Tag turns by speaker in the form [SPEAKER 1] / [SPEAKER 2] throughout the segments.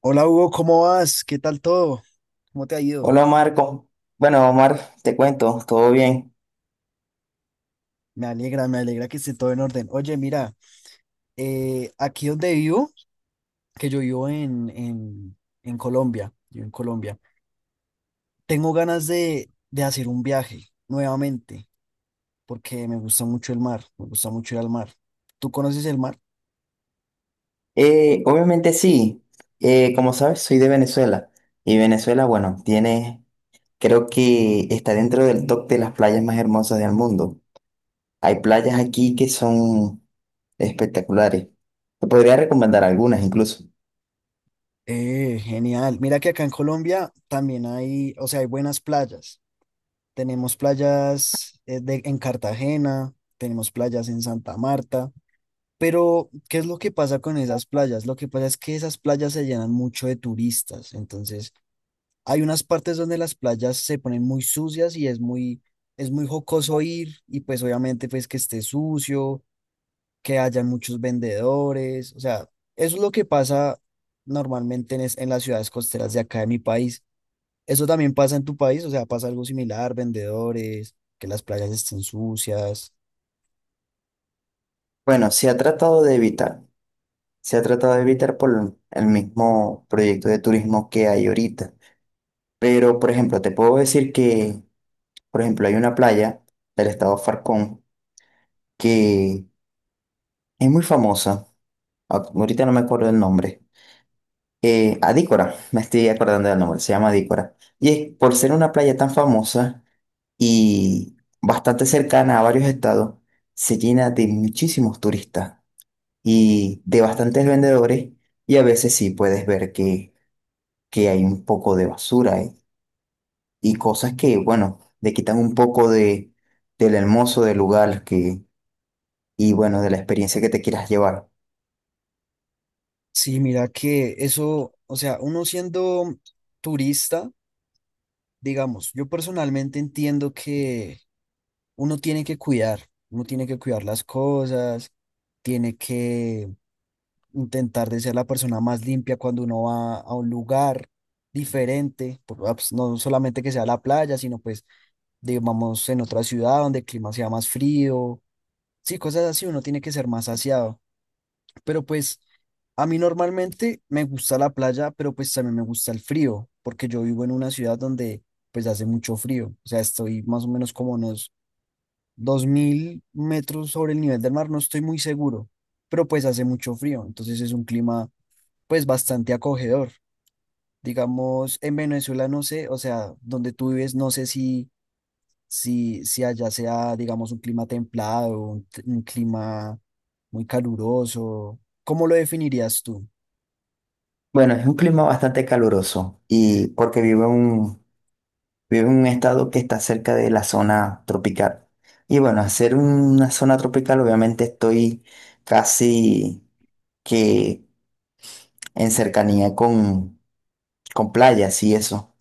[SPEAKER 1] Hola Hugo, ¿cómo vas? ¿Qué tal todo? ¿Cómo te ha ido?
[SPEAKER 2] Hola Marco. Bueno, Omar, te cuento, ¿todo bien?
[SPEAKER 1] Me alegra que esté todo en orden. Oye, mira, aquí donde vivo, que yo vivo en Colombia, yo en Colombia, tengo ganas de hacer un viaje nuevamente, porque me gusta mucho el mar, me gusta mucho ir al mar. ¿Tú conoces el mar?
[SPEAKER 2] Obviamente sí. Como sabes, soy de Venezuela. Y Venezuela, bueno, tiene, creo que está dentro del top de las playas más hermosas del mundo. Hay playas aquí que son espectaculares. Te podría recomendar algunas incluso.
[SPEAKER 1] Genial. Mira que acá en Colombia también hay, o sea, hay buenas playas. Tenemos playas en Cartagena, tenemos playas en Santa Marta. Pero, ¿qué es lo que pasa con esas playas? Lo que pasa es que esas playas se llenan mucho de turistas. Entonces, hay unas partes donde las playas se ponen muy sucias y es muy jocoso ir. Y pues obviamente, pues que esté sucio, que haya muchos vendedores. O sea, eso es lo que pasa normalmente en las ciudades costeras de acá de mi país. Eso también pasa en tu país, o sea, pasa algo similar, vendedores, que las playas estén sucias.
[SPEAKER 2] Bueno, se ha tratado de evitar. Se ha tratado de evitar por el mismo proyecto de turismo que hay ahorita. Pero, por ejemplo, te puedo decir que Por ejemplo, hay una playa del estado Falcón que es muy famosa. Ah, ahorita no me acuerdo el nombre. Adícora, me estoy acordando del nombre, se llama Adícora. Y es por ser una playa tan famosa y bastante cercana a varios estados, se llena de muchísimos turistas y de bastantes vendedores. Y a veces sí puedes ver que hay un poco de basura y cosas que, bueno, le quitan un poco de, del hermoso del lugar que y bueno, de la experiencia que te quieras llevar.
[SPEAKER 1] Sí, mira que eso, o sea, uno siendo turista, digamos, yo personalmente entiendo que uno tiene que cuidar, uno tiene que cuidar las cosas, tiene que intentar de ser la persona más limpia cuando uno va a un lugar diferente, pues, no solamente que sea la playa, sino pues, digamos, en otra ciudad donde el clima sea más frío, sí, cosas así, uno tiene que ser más aseado. Pero pues a mí normalmente me gusta la playa, pero pues también me gusta el frío, porque yo vivo en una ciudad donde pues hace mucho frío. O sea, estoy más o menos como unos 2000 metros sobre el nivel del mar, no estoy muy seguro, pero pues hace mucho frío. Entonces es un clima pues bastante acogedor. Digamos, en Venezuela no sé, o sea, donde tú vives, no sé si allá sea, digamos, un clima templado, un clima muy caluroso. ¿Cómo lo definirías tú?
[SPEAKER 2] Bueno, es un clima bastante caluroso y porque vivo en un estado que está cerca de la zona tropical. Y bueno, hacer una zona tropical, obviamente estoy casi que en cercanía con, con playas y eso.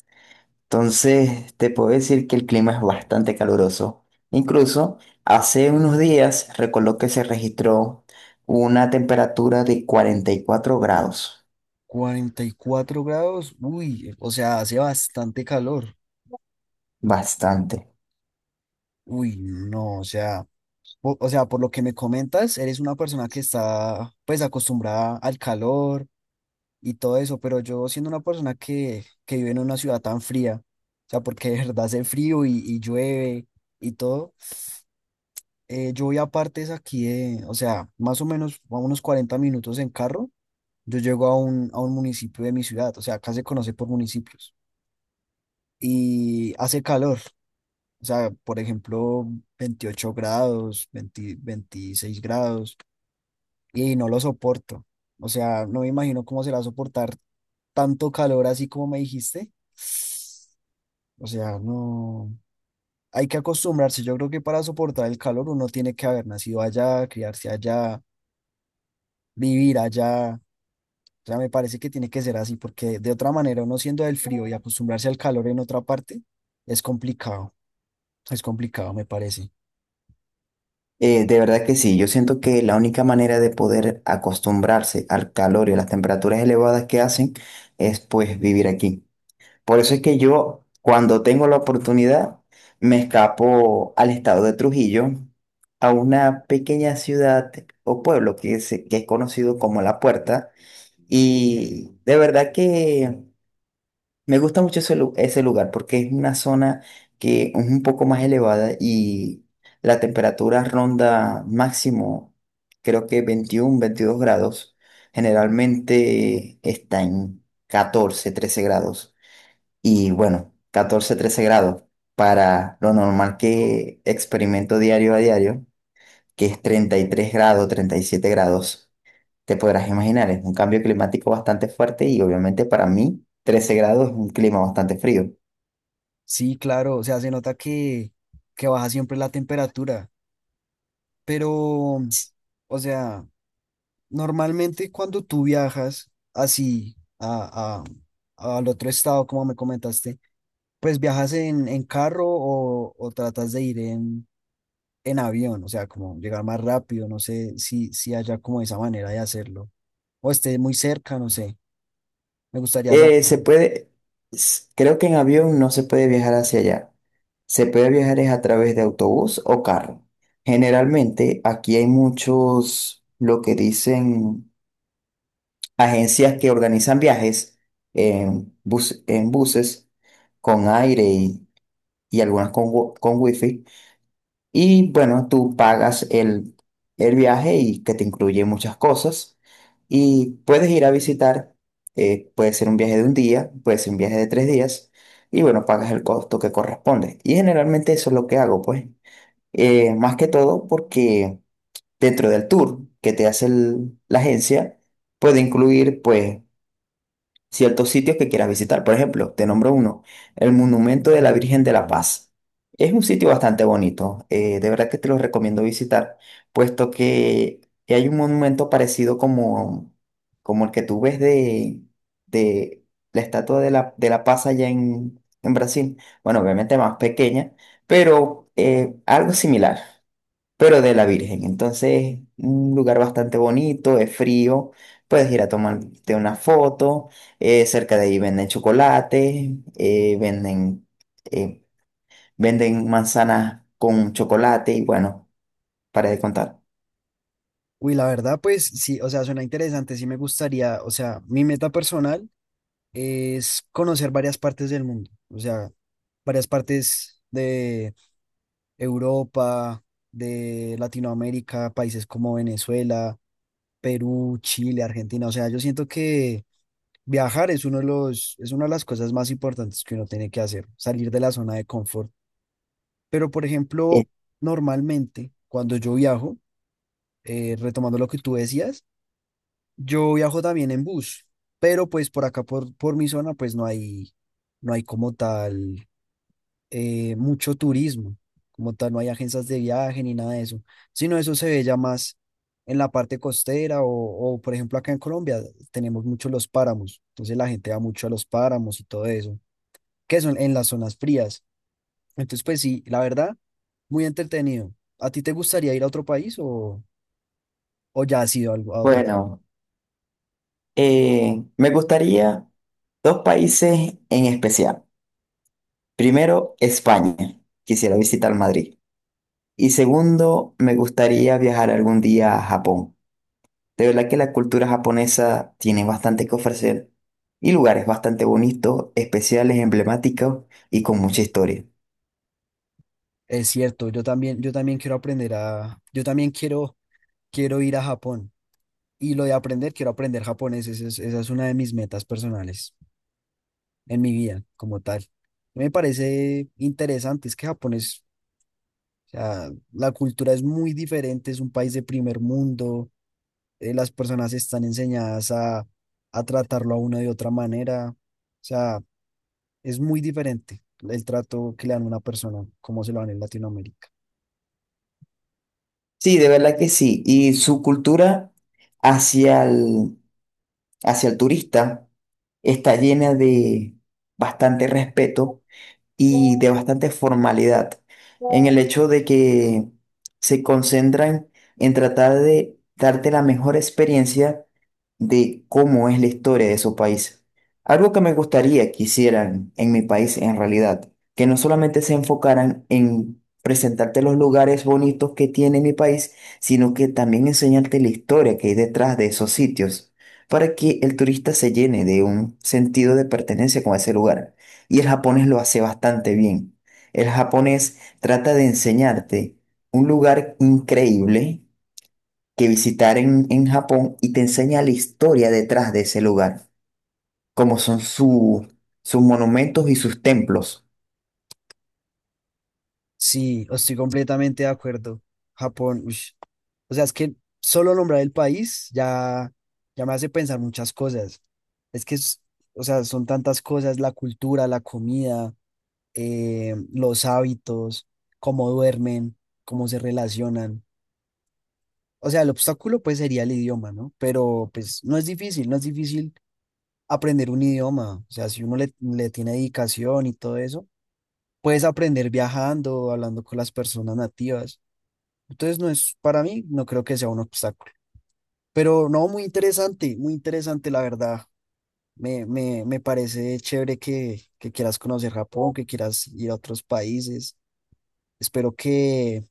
[SPEAKER 2] Entonces, te puedo decir que el clima es bastante caluroso. Incluso hace unos días, recuerdo que se registró una temperatura de 44 grados.
[SPEAKER 1] 44 grados, uy, o sea, hace bastante calor.
[SPEAKER 2] Bastante.
[SPEAKER 1] Uy, no, o sea, por lo que me comentas, eres una persona que está pues acostumbrada al calor y todo eso, pero yo siendo una persona que vive en una ciudad tan fría, o sea, porque de verdad hace frío y llueve y todo, yo voy a partes aquí de, o sea, más o menos a unos 40 minutos en carro, yo llego a un municipio de mi ciudad, o sea, acá se conoce por municipios y hace calor. O sea, por ejemplo, 28 grados, 20 26 grados, y no lo soporto. O sea, no me imagino cómo será soportar tanto calor así como me dijiste. O sea, no. Hay que acostumbrarse. Yo creo que para soportar el calor uno tiene que haber nacido allá, criarse allá, vivir allá. O sea, me parece que tiene que ser así, porque de otra manera, uno siendo del frío y acostumbrarse al calor en otra parte, es complicado. Es complicado, me parece.
[SPEAKER 2] De verdad que sí, yo siento que la única manera de poder acostumbrarse al calor y a las temperaturas elevadas que hacen es pues vivir aquí. Por eso es que yo, cuando tengo la oportunidad, me escapo al estado de Trujillo, a una pequeña ciudad o pueblo que es conocido como La Puerta. Y de verdad que Me gusta mucho ese lugar porque es una zona que es un poco más elevada y la temperatura ronda máximo, creo que 21, 22 grados. Generalmente está en 14 13 grados. Y bueno, 14 13 grados para lo normal que experimento diario a diario, que es 33 grados, 37 grados. Te podrás imaginar, es un cambio climático bastante fuerte y obviamente para mí 13 grados es un clima bastante frío.
[SPEAKER 1] Sí, claro, o sea, se nota que baja siempre la temperatura, pero, o sea, normalmente cuando tú viajas así al otro estado, como me comentaste, pues viajas en carro o tratas de ir en avión, o sea, como llegar más rápido, no sé si haya como esa manera de hacerlo, o esté muy cerca, no sé, me gustaría saber.
[SPEAKER 2] Eh, se puede, creo que en avión no se puede viajar hacia allá. Se puede viajar es a través de autobús o carro. Generalmente aquí hay muchos, lo que dicen, agencias que organizan viajes en buses con aire y algunas con wifi. Y bueno, el viaje y que te incluye muchas cosas. Y puedes ir a visitar, puede ser un viaje de un día, puede ser un viaje de tres días. Y bueno, pagas el costo que corresponde. Y generalmente eso es lo que hago, pues. Más que todo porque dentro del tour que te hace la agencia, puede incluir, pues, ciertos sitios que quieras visitar. Por ejemplo, te nombro uno, el Monumento de la Virgen de la Paz. Es un sitio bastante bonito, de verdad que te lo recomiendo visitar, puesto que hay un monumento parecido como el que tú ves de la Estatua de la Paz allá en Brasil. Bueno, obviamente más pequeña, pero algo similar pero de la Virgen. Entonces, un lugar bastante bonito, es frío, puedes ir a tomarte una foto, cerca de ahí venden chocolate, eh, venden manzanas con chocolate y bueno, para de contar.
[SPEAKER 1] Uy, la verdad, pues sí, o sea, suena interesante, sí me gustaría, o sea, mi meta personal. Es conocer varias partes del mundo, o sea, varias partes de Europa, de Latinoamérica, países como Venezuela, Perú, Chile, Argentina, o sea, yo siento que viajar es uno de los, es una de las cosas más importantes que uno tiene que hacer, salir de la zona de confort. Pero, por
[SPEAKER 2] Eh,
[SPEAKER 1] ejemplo, normalmente cuando yo viajo, retomando lo que tú decías, yo viajo también en bus, pero pues por acá, por mi zona, pues no hay, no hay como tal mucho turismo, como tal, no hay agencias de viaje ni nada de eso, sino eso se ve ya más en la parte costera o, por ejemplo, acá en Colombia tenemos mucho los páramos, entonces la gente va mucho a los páramos y todo eso, que son en las zonas frías. Entonces, pues sí, la verdad, muy entretenido. ¿A ti te gustaría ir a otro país o ya has ido a otro?
[SPEAKER 2] bueno, me gustaría dos países en especial. Primero, España, quisiera visitar Madrid. Y segundo, me gustaría viajar algún día a Japón. De verdad que la cultura japonesa tiene bastante que ofrecer y lugares bastante bonitos, especiales, emblemáticos y con mucha historia.
[SPEAKER 1] Es cierto, yo también quiero aprender a, yo también quiero, quiero ir a Japón. Y lo de aprender, quiero aprender japonés, esa es una de mis metas personales. En mi vida como tal. Me parece interesante, es que Japón es, o sea, la cultura es muy diferente, es un país de primer mundo, las personas están enseñadas a tratarlo a uno de otra manera, o sea, es muy diferente el trato que le dan a una persona como se lo dan en Latinoamérica.
[SPEAKER 2] Sí, de verdad que sí. Y su cultura hacia el, hacia el turista está llena de bastante respeto y de bastante formalidad, en el hecho de que se concentran en tratar de darte la mejor experiencia de cómo es la historia de su país. Algo que me gustaría que hicieran en mi país en realidad, que no solamente se enfocaran en presentarte los lugares bonitos que tiene mi país, sino que también enseñarte la historia que hay detrás de esos sitios, para que el turista se llene de un sentido de pertenencia con ese lugar. Y el japonés lo hace bastante bien. El japonés trata de enseñarte un lugar increíble que visitar en Japón y te enseña la historia detrás de ese lugar, como son sus monumentos y sus templos.
[SPEAKER 1] Sí, estoy completamente de acuerdo. Japón, ush, o sea, es que solo nombrar el país ya, ya me hace pensar muchas cosas. Es que, es- o sea, son tantas cosas, la cultura, la comida, los hábitos, cómo duermen, cómo se relacionan. O sea, el obstáculo pues sería el idioma, ¿no? Pero pues no es difícil, no es difícil aprender un idioma. O sea, si uno le tiene dedicación y todo eso, puedes aprender viajando, hablando con las personas nativas. Entonces, no es, para mí, no creo que sea un obstáculo. Pero no, muy interesante, la verdad. Me parece chévere que quieras conocer Japón, que quieras ir a otros países. Espero que,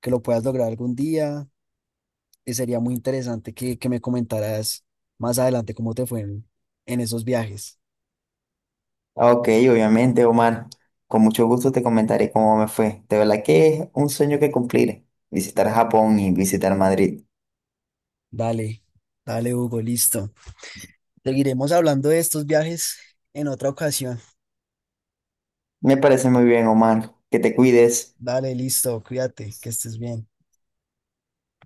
[SPEAKER 1] que lo puedas lograr algún día. Y sería muy interesante que me comentaras más adelante cómo te fue en esos viajes.
[SPEAKER 2] Ah, ok, obviamente, Omar, con mucho gusto te comentaré cómo me fue. De verdad que es un sueño que cumplir, visitar Japón y visitar Madrid.
[SPEAKER 1] Dale, dale, Hugo, listo. Seguiremos hablando de estos viajes en otra ocasión.
[SPEAKER 2] Me parece muy bien, Omar, que te cuides.
[SPEAKER 1] Dale, listo, cuídate, que estés bien.